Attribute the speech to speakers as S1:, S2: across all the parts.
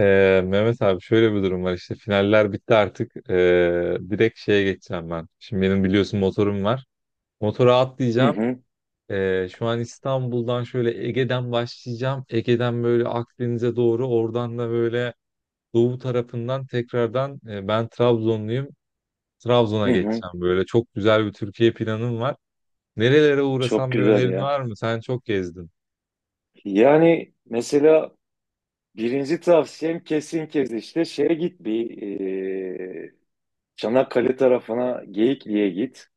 S1: Mehmet abi, şöyle bir durum var, işte finaller bitti artık. Direkt şeye geçeceğim ben. Şimdi benim biliyorsun motorum var. Motora
S2: Hı
S1: atlayacağım.
S2: hı,
S1: Şu an İstanbul'dan şöyle Ege'den başlayacağım. Ege'den böyle Akdeniz'e doğru, oradan da böyle doğu tarafından tekrardan, ben Trabzonluyum. Trabzon'a
S2: hı hı.
S1: geçeceğim böyle. Çok güzel bir Türkiye planım var. Nerelere
S2: Çok
S1: uğrasam, bir
S2: güzel
S1: önerin
S2: ya.
S1: var mı? Sen çok gezdin.
S2: Yani mesela birinci tavsiyem kesin kez işte şeye git bir e, Çanakkale tarafına Geyikli'ye git.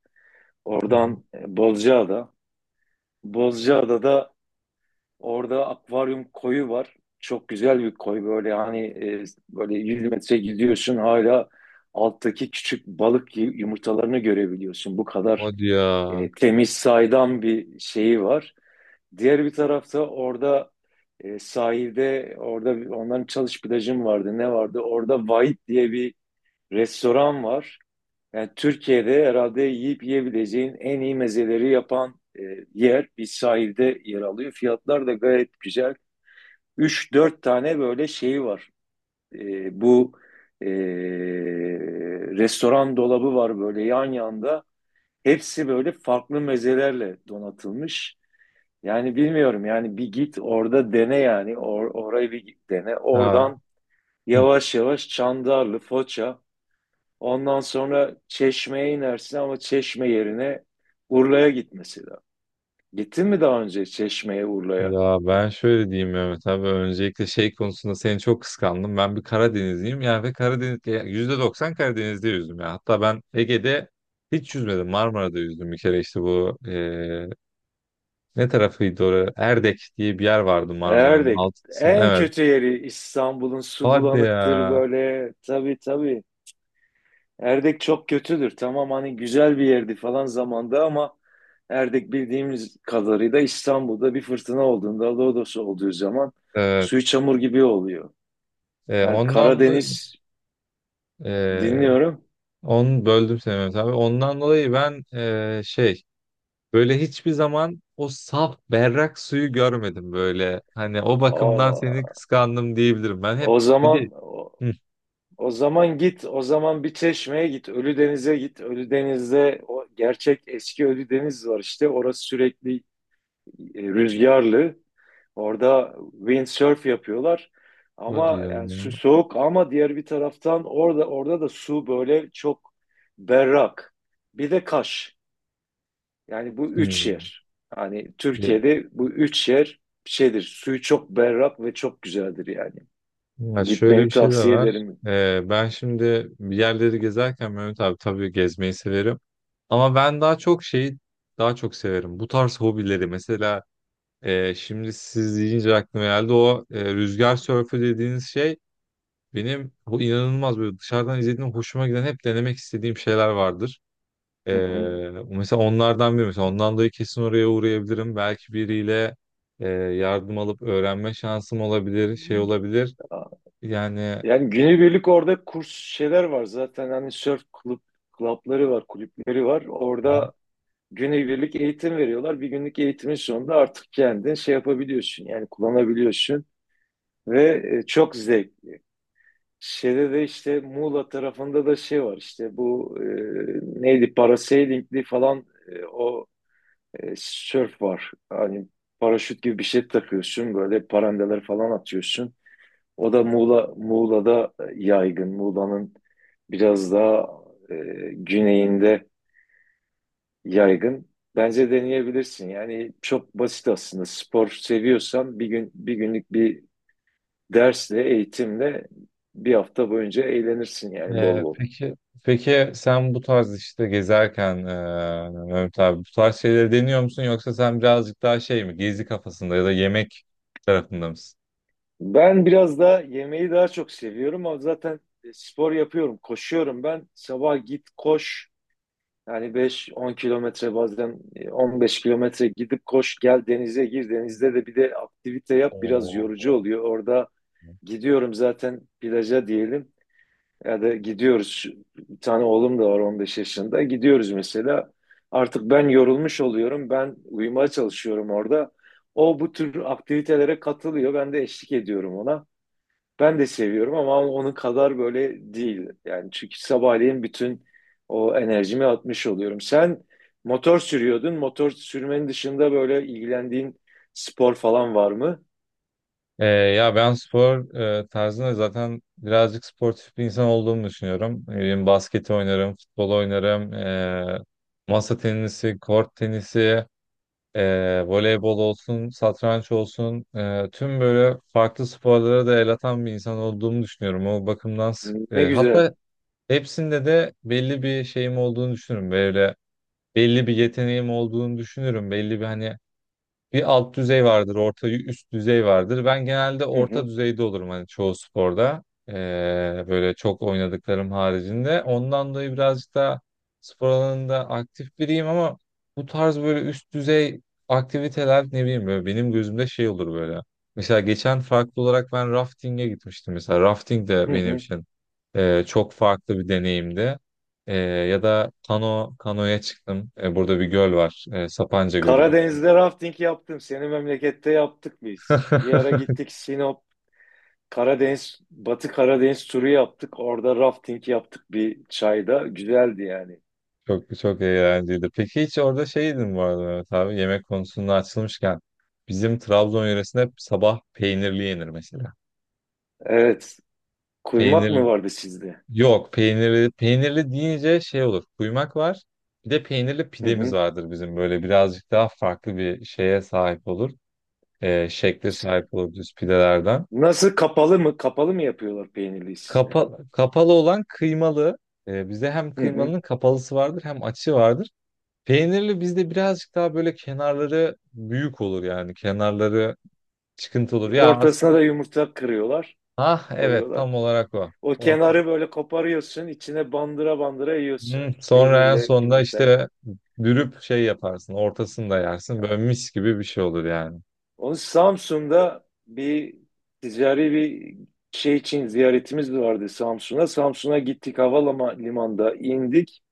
S1: Hı hı.
S2: Oradan Bozcaada. Bozcaada'da orada akvaryum koyu var. Çok güzel bir koy böyle hani böyle 100 metre gidiyorsun hala alttaki küçük balık yumurtalarını görebiliyorsun. Bu kadar
S1: Hadi ya.
S2: temiz saydam bir şeyi var. Diğer bir tarafta orada sahilde orada onların çalış plajı mı vardı ne vardı? Orada Vahit diye bir restoran var. Yani Türkiye'de herhalde yiyip yiyebileceğin en iyi mezeleri yapan yer bir sahilde yer alıyor. Fiyatlar da gayet güzel. Üç dört tane böyle şeyi var. Bu e, restoran dolabı var böyle yan yanda. Hepsi böyle farklı mezelerle donatılmış. Yani bilmiyorum yani bir git orada dene yani orayı bir git dene.
S1: Ha.
S2: Oradan yavaş yavaş Çandarlı, Foça ondan sonra Çeşme'ye inersin ama Çeşme yerine Urla'ya git mesela. Gittin mi daha önce Çeşme'ye, Urla'ya?
S1: Ya ben şöyle diyeyim Mehmet abi, öncelikle şey konusunda seni çok kıskandım. Ben bir Karadenizliyim yani ve Karadeniz, ya %90 Karadeniz'de yüzdüm ya. Hatta ben Ege'de hiç yüzmedim. Marmara'da yüzdüm bir kere, işte bu ne tarafıydı orası? Erdek diye bir yer vardı, Marmara'nın
S2: Erdek.
S1: alt kısmı.
S2: En
S1: Evet.
S2: kötü yeri İstanbul'un su
S1: Hadi ya.
S2: bulanıktır böyle. Tabii tabii. Erdek çok kötüdür. Tamam hani güzel bir yerdi falan zamanda ama Erdek bildiğimiz kadarıyla İstanbul'da bir fırtına olduğunda, lodos olduğu zaman suyu
S1: Evet.
S2: çamur gibi oluyor. Yani
S1: Ondan da
S2: Karadeniz
S1: eee
S2: dinliyorum.
S1: onu böldüm seni Mehmet abi. Ondan dolayı ben, şey, böyle hiçbir zaman o saf berrak suyu görmedim böyle. Hani o bakımdan seni
S2: O,
S1: kıskandım diyebilirim. Ben hep,
S2: o
S1: bir de,
S2: zaman o,
S1: Hı,
S2: o zaman git, o zaman bir Çeşme'ye git, Ölüdeniz'e git. Ölüdeniz'de o gerçek eski Ölüdeniz var işte. Orası sürekli rüzgarlı. Orada windsurf yapıyorlar.
S1: o
S2: Ama
S1: diyor
S2: yani su
S1: ya.
S2: soğuk ama diğer bir taraftan orada da su böyle çok berrak. Bir de Kaş. Yani bu üç
S1: Hı.
S2: yer. Yani
S1: Ya,
S2: Türkiye'de bu üç yer şeydir. Suyu çok berrak ve çok güzeldir yani.
S1: ya şöyle bir
S2: Gitmeni
S1: şey de
S2: tavsiye
S1: var.
S2: ederim.
S1: Ben şimdi bir yerleri gezerken Mehmet abi, tabii gezmeyi severim. Ama ben daha çok şeyi daha çok severim. Bu tarz hobileri mesela, şimdi siz deyince aklıma geldi, o rüzgar sörfü dediğiniz şey benim o inanılmaz böyle dışarıdan izlediğim, hoşuma giden, hep denemek istediğim şeyler vardır.
S2: Hı hı.
S1: Ee, Mesela onlardan biri. Mesela ondan dolayı kesin oraya uğrayabilirim. Belki biriyle yardım alıp öğrenme şansım olabilir, şey olabilir. Yani.
S2: Yani günübirlik orada kurs şeyler var zaten. Hani surf kulüp, klapları var, kulüpleri var.
S1: Hı.
S2: Orada günübirlik eğitim veriyorlar. Bir günlük eğitimin sonunda artık kendin şey yapabiliyorsun yani kullanabiliyorsun ve çok zevk. Şeyde de işte Muğla tarafında da şey var işte bu neydi parasailingli falan o sörf var. Hani paraşüt gibi bir şey takıyorsun böyle parandeler falan atıyorsun. O da Muğla'da yaygın. Muğla'nın biraz daha e, güneyinde yaygın. Bence deneyebilirsin. Yani çok basit aslında. Spor seviyorsan bir günlük bir dersle, eğitimle bir hafta boyunca eğlenirsin yani
S1: e,
S2: bol bol.
S1: peki peki sen bu tarz işte gezerken Mehmet abi, bu tarz şeyleri deniyor musun, yoksa sen birazcık daha şey mi, gezi kafasında ya da yemek tarafında mısın?
S2: Ben biraz daha yemeği daha çok seviyorum ama zaten spor yapıyorum, koşuyorum ben. Sabah git koş. Yani 5-10 kilometre bazen 15 kilometre gidip koş gel denize gir. Denizde de bir de aktivite yap biraz yorucu
S1: Oo.
S2: oluyor. Orada gidiyorum zaten plaja diyelim. Ya da gidiyoruz. Bir tane oğlum da var 15 yaşında. Gidiyoruz mesela. Artık ben yorulmuş oluyorum. Ben uyumaya çalışıyorum orada. O bu tür aktivitelere katılıyor. Ben de eşlik ediyorum ona. Ben de seviyorum ama onun kadar böyle değil. Yani çünkü sabahleyin bütün o enerjimi atmış oluyorum. Sen motor sürüyordun. Motor sürmenin dışında böyle ilgilendiğin spor falan var mı?
S1: Ya ben spor tarzında zaten birazcık sportif bir insan olduğumu düşünüyorum. Ne bileyim, basket oynarım, futbol oynarım, masa tenisi, kort tenisi, voleybol olsun, satranç olsun. Tüm böyle farklı sporlara da el atan bir insan olduğumu düşünüyorum. O bakımdan
S2: Ne güzel.
S1: hatta hepsinde de belli bir şeyim olduğunu düşünürüm. Böyle belli bir yeteneğim olduğunu düşünürüm. Belli bir, hani, bir alt düzey vardır, orta üst düzey vardır. Ben genelde
S2: Hı
S1: orta
S2: hı.
S1: düzeyde olurum hani, çoğu sporda. Ee, Böyle çok oynadıklarım haricinde. Ondan dolayı birazcık da spor alanında aktif biriyim, ama bu tarz böyle üst düzey aktiviteler, ne bileyim, böyle benim gözümde şey olur böyle. Mesela geçen farklı olarak ben rafting'e gitmiştim. Mesela rafting de
S2: Hı
S1: benim
S2: hı.
S1: için çok farklı bir deneyimdi. E, ya da kano, kanoya çıktım. E, burada bir göl var. E, Sapanca Gölü belki.
S2: Karadeniz'de rafting yaptım. Senin memlekette yaptık biz. Bir ara gittik Sinop, Karadeniz, Batı Karadeniz turu yaptık. Orada rafting yaptık bir çayda. Güzeldi yani.
S1: Çok çok eğlenceliydi. Peki hiç orada şey yedin bu arada Mehmet abi, yemek konusunda açılmışken bizim Trabzon yöresinde hep sabah peynirli yenir mesela.
S2: Evet. Kuymak
S1: Peynir,
S2: mı vardı sizde?
S1: yok, peynirli, peynirli deyince şey olur, kuymak var, bir de peynirli
S2: Hı
S1: pidemiz
S2: hı.
S1: vardır bizim, böyle birazcık daha farklı bir şeye sahip olur. Şekle sahip olur, düz pidelerden.
S2: Nasıl kapalı mı? Kapalı mı yapıyorlar peynirliği sizde?
S1: Kapalı olan kıymalı. Bizde hem
S2: Hı hı.
S1: kıymalının kapalısı vardır, hem açı vardır. Peynirli bizde birazcık daha böyle kenarları büyük olur yani. Kenarları çıkıntı olur. Ya aslında,
S2: Ortasına da yumurta kırıyorlar,
S1: ah evet,
S2: koyuyorlar.
S1: tam olarak o.
S2: O
S1: O.
S2: kenarı böyle koparıyorsun, içine bandıra bandıra
S1: Hmm,
S2: yiyorsun.
S1: sonra en
S2: Peynirle,
S1: sonunda
S2: yumurtayla.
S1: işte dürüp şey yaparsın. Ortasını da yersin. Böyle mis gibi bir şey olur yani.
S2: Onun Samsun'da bir ticari bir şey için ziyaretimiz vardı Samsun'a. Samsun'a gittik havalimanında indik.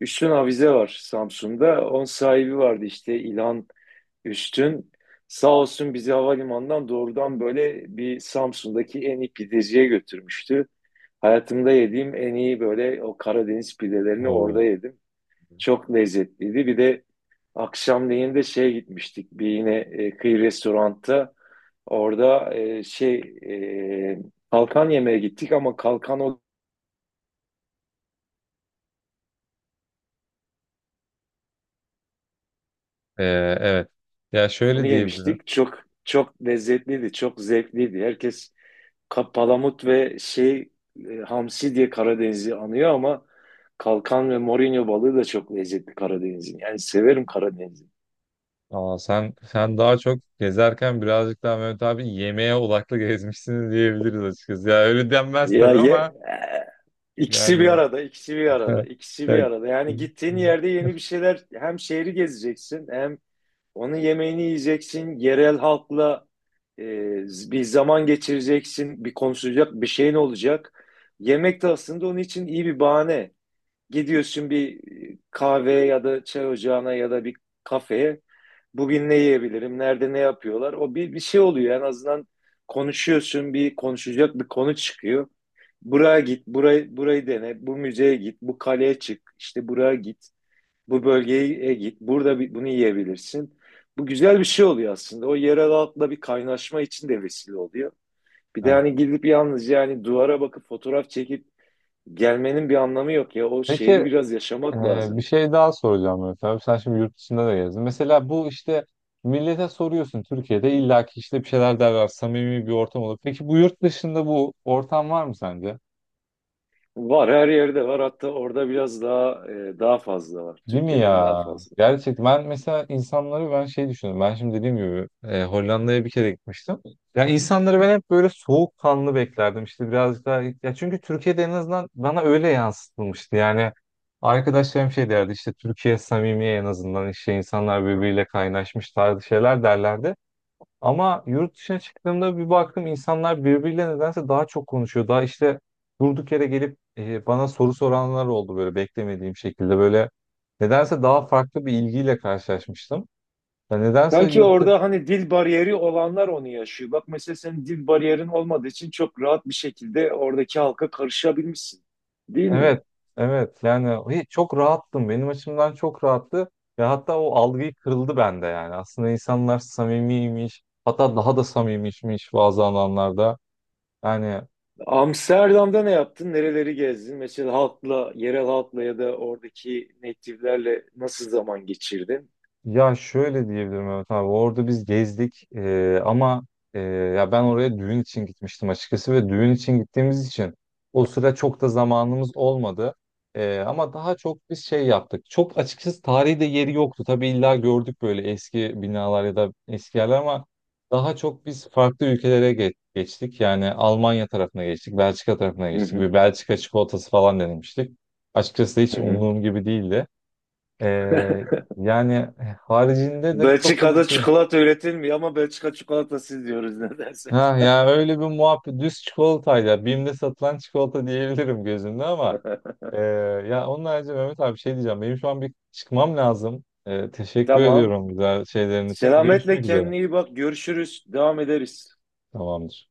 S2: Üstün Avize var Samsun'da. Onun sahibi vardı işte İlhan Üstün. Sağ olsun bizi havalimanından doğrudan böyle bir Samsun'daki en iyi pideciye götürmüştü. Hayatımda yediğim en iyi böyle o Karadeniz pidelerini orada
S1: Oo.
S2: yedim. Çok lezzetliydi. Bir de akşamleyin de şeye gitmiştik. Bir yine kıyı restoranta. Orada e, kalkan yemeye gittik ama kalkan olanı
S1: Ee, evet. Ya şöyle diyebilirim.
S2: yemiştik. Çok çok lezzetliydi, çok zevkliydi. Herkes palamut ve hamsi diye Karadeniz'i anıyor ama kalkan ve morinyo balığı da çok lezzetli Karadeniz'in. Yani severim Karadeniz'i.
S1: Aa, sen sen daha çok gezerken birazcık daha Mehmet abi yemeğe odaklı gezmişsiniz diyebiliriz açıkçası. Ya öyle denmez
S2: Ya
S1: tabii
S2: ye
S1: ama
S2: İkisi bir
S1: yani.
S2: arada, ikisi bir arada, ikisi bir
S1: Ya-.
S2: arada. Yani gittiğin yerde yeni bir şeyler hem şehri gezeceksin hem onun yemeğini yiyeceksin. Yerel halkla e, bir zaman geçireceksin, bir konuşacak bir şeyin olacak. Yemek de aslında onun için iyi bir bahane. Gidiyorsun bir kahve ya da çay ocağına ya da bir kafeye. Bugün ne yiyebilirim? Nerede ne yapıyorlar? Bir şey oluyor. En azından konuşuyorsun. Bir konuşacak bir konu çıkıyor. Buraya git, burayı dene, bu müzeye git, bu kaleye çık, işte buraya git, bu bölgeye git, bunu yiyebilirsin. Bu güzel bir şey oluyor aslında. O yerel halkla bir kaynaşma için de vesile oluyor. Bir de
S1: Ha.
S2: hani gidip yalnız yani duvara bakıp fotoğraf çekip gelmenin bir anlamı yok ya. O şehri
S1: Peki,
S2: biraz yaşamak
S1: Bir
S2: lazım.
S1: şey daha soracağım Mehmet abi. Sen şimdi yurt dışında da gezdin. Mesela bu, işte millete soruyorsun, Türkiye'de illaki işte bir şeyler derler. Samimi bir ortam olur. Peki bu, yurt dışında bu ortam var mı sence?
S2: Var her yerde var. Hatta orada biraz daha daha fazla var.
S1: Değil mi
S2: Türkiye'den daha
S1: ya?
S2: fazla.
S1: Gerçekten ben mesela insanları ben şey düşünüyorum. Ben şimdi dediğim gibi Hollanda'ya bir kere gitmiştim. Ya insanları ben hep böyle soğukkanlı beklerdim. İşte birazcık daha, ya çünkü Türkiye'de en azından bana öyle yansıtılmıştı. Yani arkadaşlarım şey derdi, işte Türkiye samimi, en azından işte insanlar birbiriyle kaynaşmış tarzı şeyler derlerdi. Ama yurt dışına çıktığımda bir baktım insanlar birbiriyle nedense daha çok konuşuyor. Daha işte durduk yere gelip bana soru soranlar oldu, böyle beklemediğim şekilde. Böyle nedense daha farklı bir ilgiyle karşılaşmıştım. Ya nedense
S2: Sanki
S1: yurt dışı...
S2: orada hani dil bariyeri olanlar onu yaşıyor. Bak mesela senin dil bariyerin olmadığı için çok rahat bir şekilde oradaki halka karışabilmişsin. Değil mi?
S1: Evet, evet yani, çok rahattım. Benim açımdan çok rahattı. Ve hatta o algıyı kırıldı bende yani. Aslında insanlar samimiymiş. Hatta daha da samimiymiş bazı alanlarda. Yani.
S2: Amsterdam'da ne yaptın? Nereleri gezdin? Mesela halkla, yerel halkla ya da oradaki native'lerle nasıl zaman geçirdin?
S1: Ya şöyle diyebilirim Mehmet abi. Orada biz gezdik, ama ya ben oraya düğün için gitmiştim açıkçası ve düğün için gittiğimiz için o sıra çok da zamanımız olmadı. Ama daha çok biz şey yaptık. Çok açıkçası tarihi de yeri yoktu. Tabii illa gördük böyle eski binalar ya da eski yerler ama daha çok biz farklı ülkelere geçtik. Yani Almanya tarafına geçtik, Belçika tarafına
S2: Hı
S1: geçtik.
S2: hı.
S1: Bir Belçika çikolatası falan denemiştik. Açıkçası hiç
S2: Hı hı.
S1: umduğum gibi değildi. Ee, Yani haricinde de çok da bir
S2: Belçika'da
S1: şey.
S2: çikolata üretilmiyor ama Belçika çikolatası diyoruz nedense.
S1: Ha ya, öyle bir muhabbet, düz çikolatayla Bimde satılan çikolata diyebilirim gözümde ama e, ya onun harici Mehmet abi şey diyeceğim, benim şu an bir çıkmam lazım. E, teşekkür
S2: Tamam.
S1: ediyorum güzel şeylerin için.
S2: Selametle
S1: Görüşmek üzere.
S2: kendine iyi bak. Görüşürüz. Devam ederiz.
S1: Tamamdır.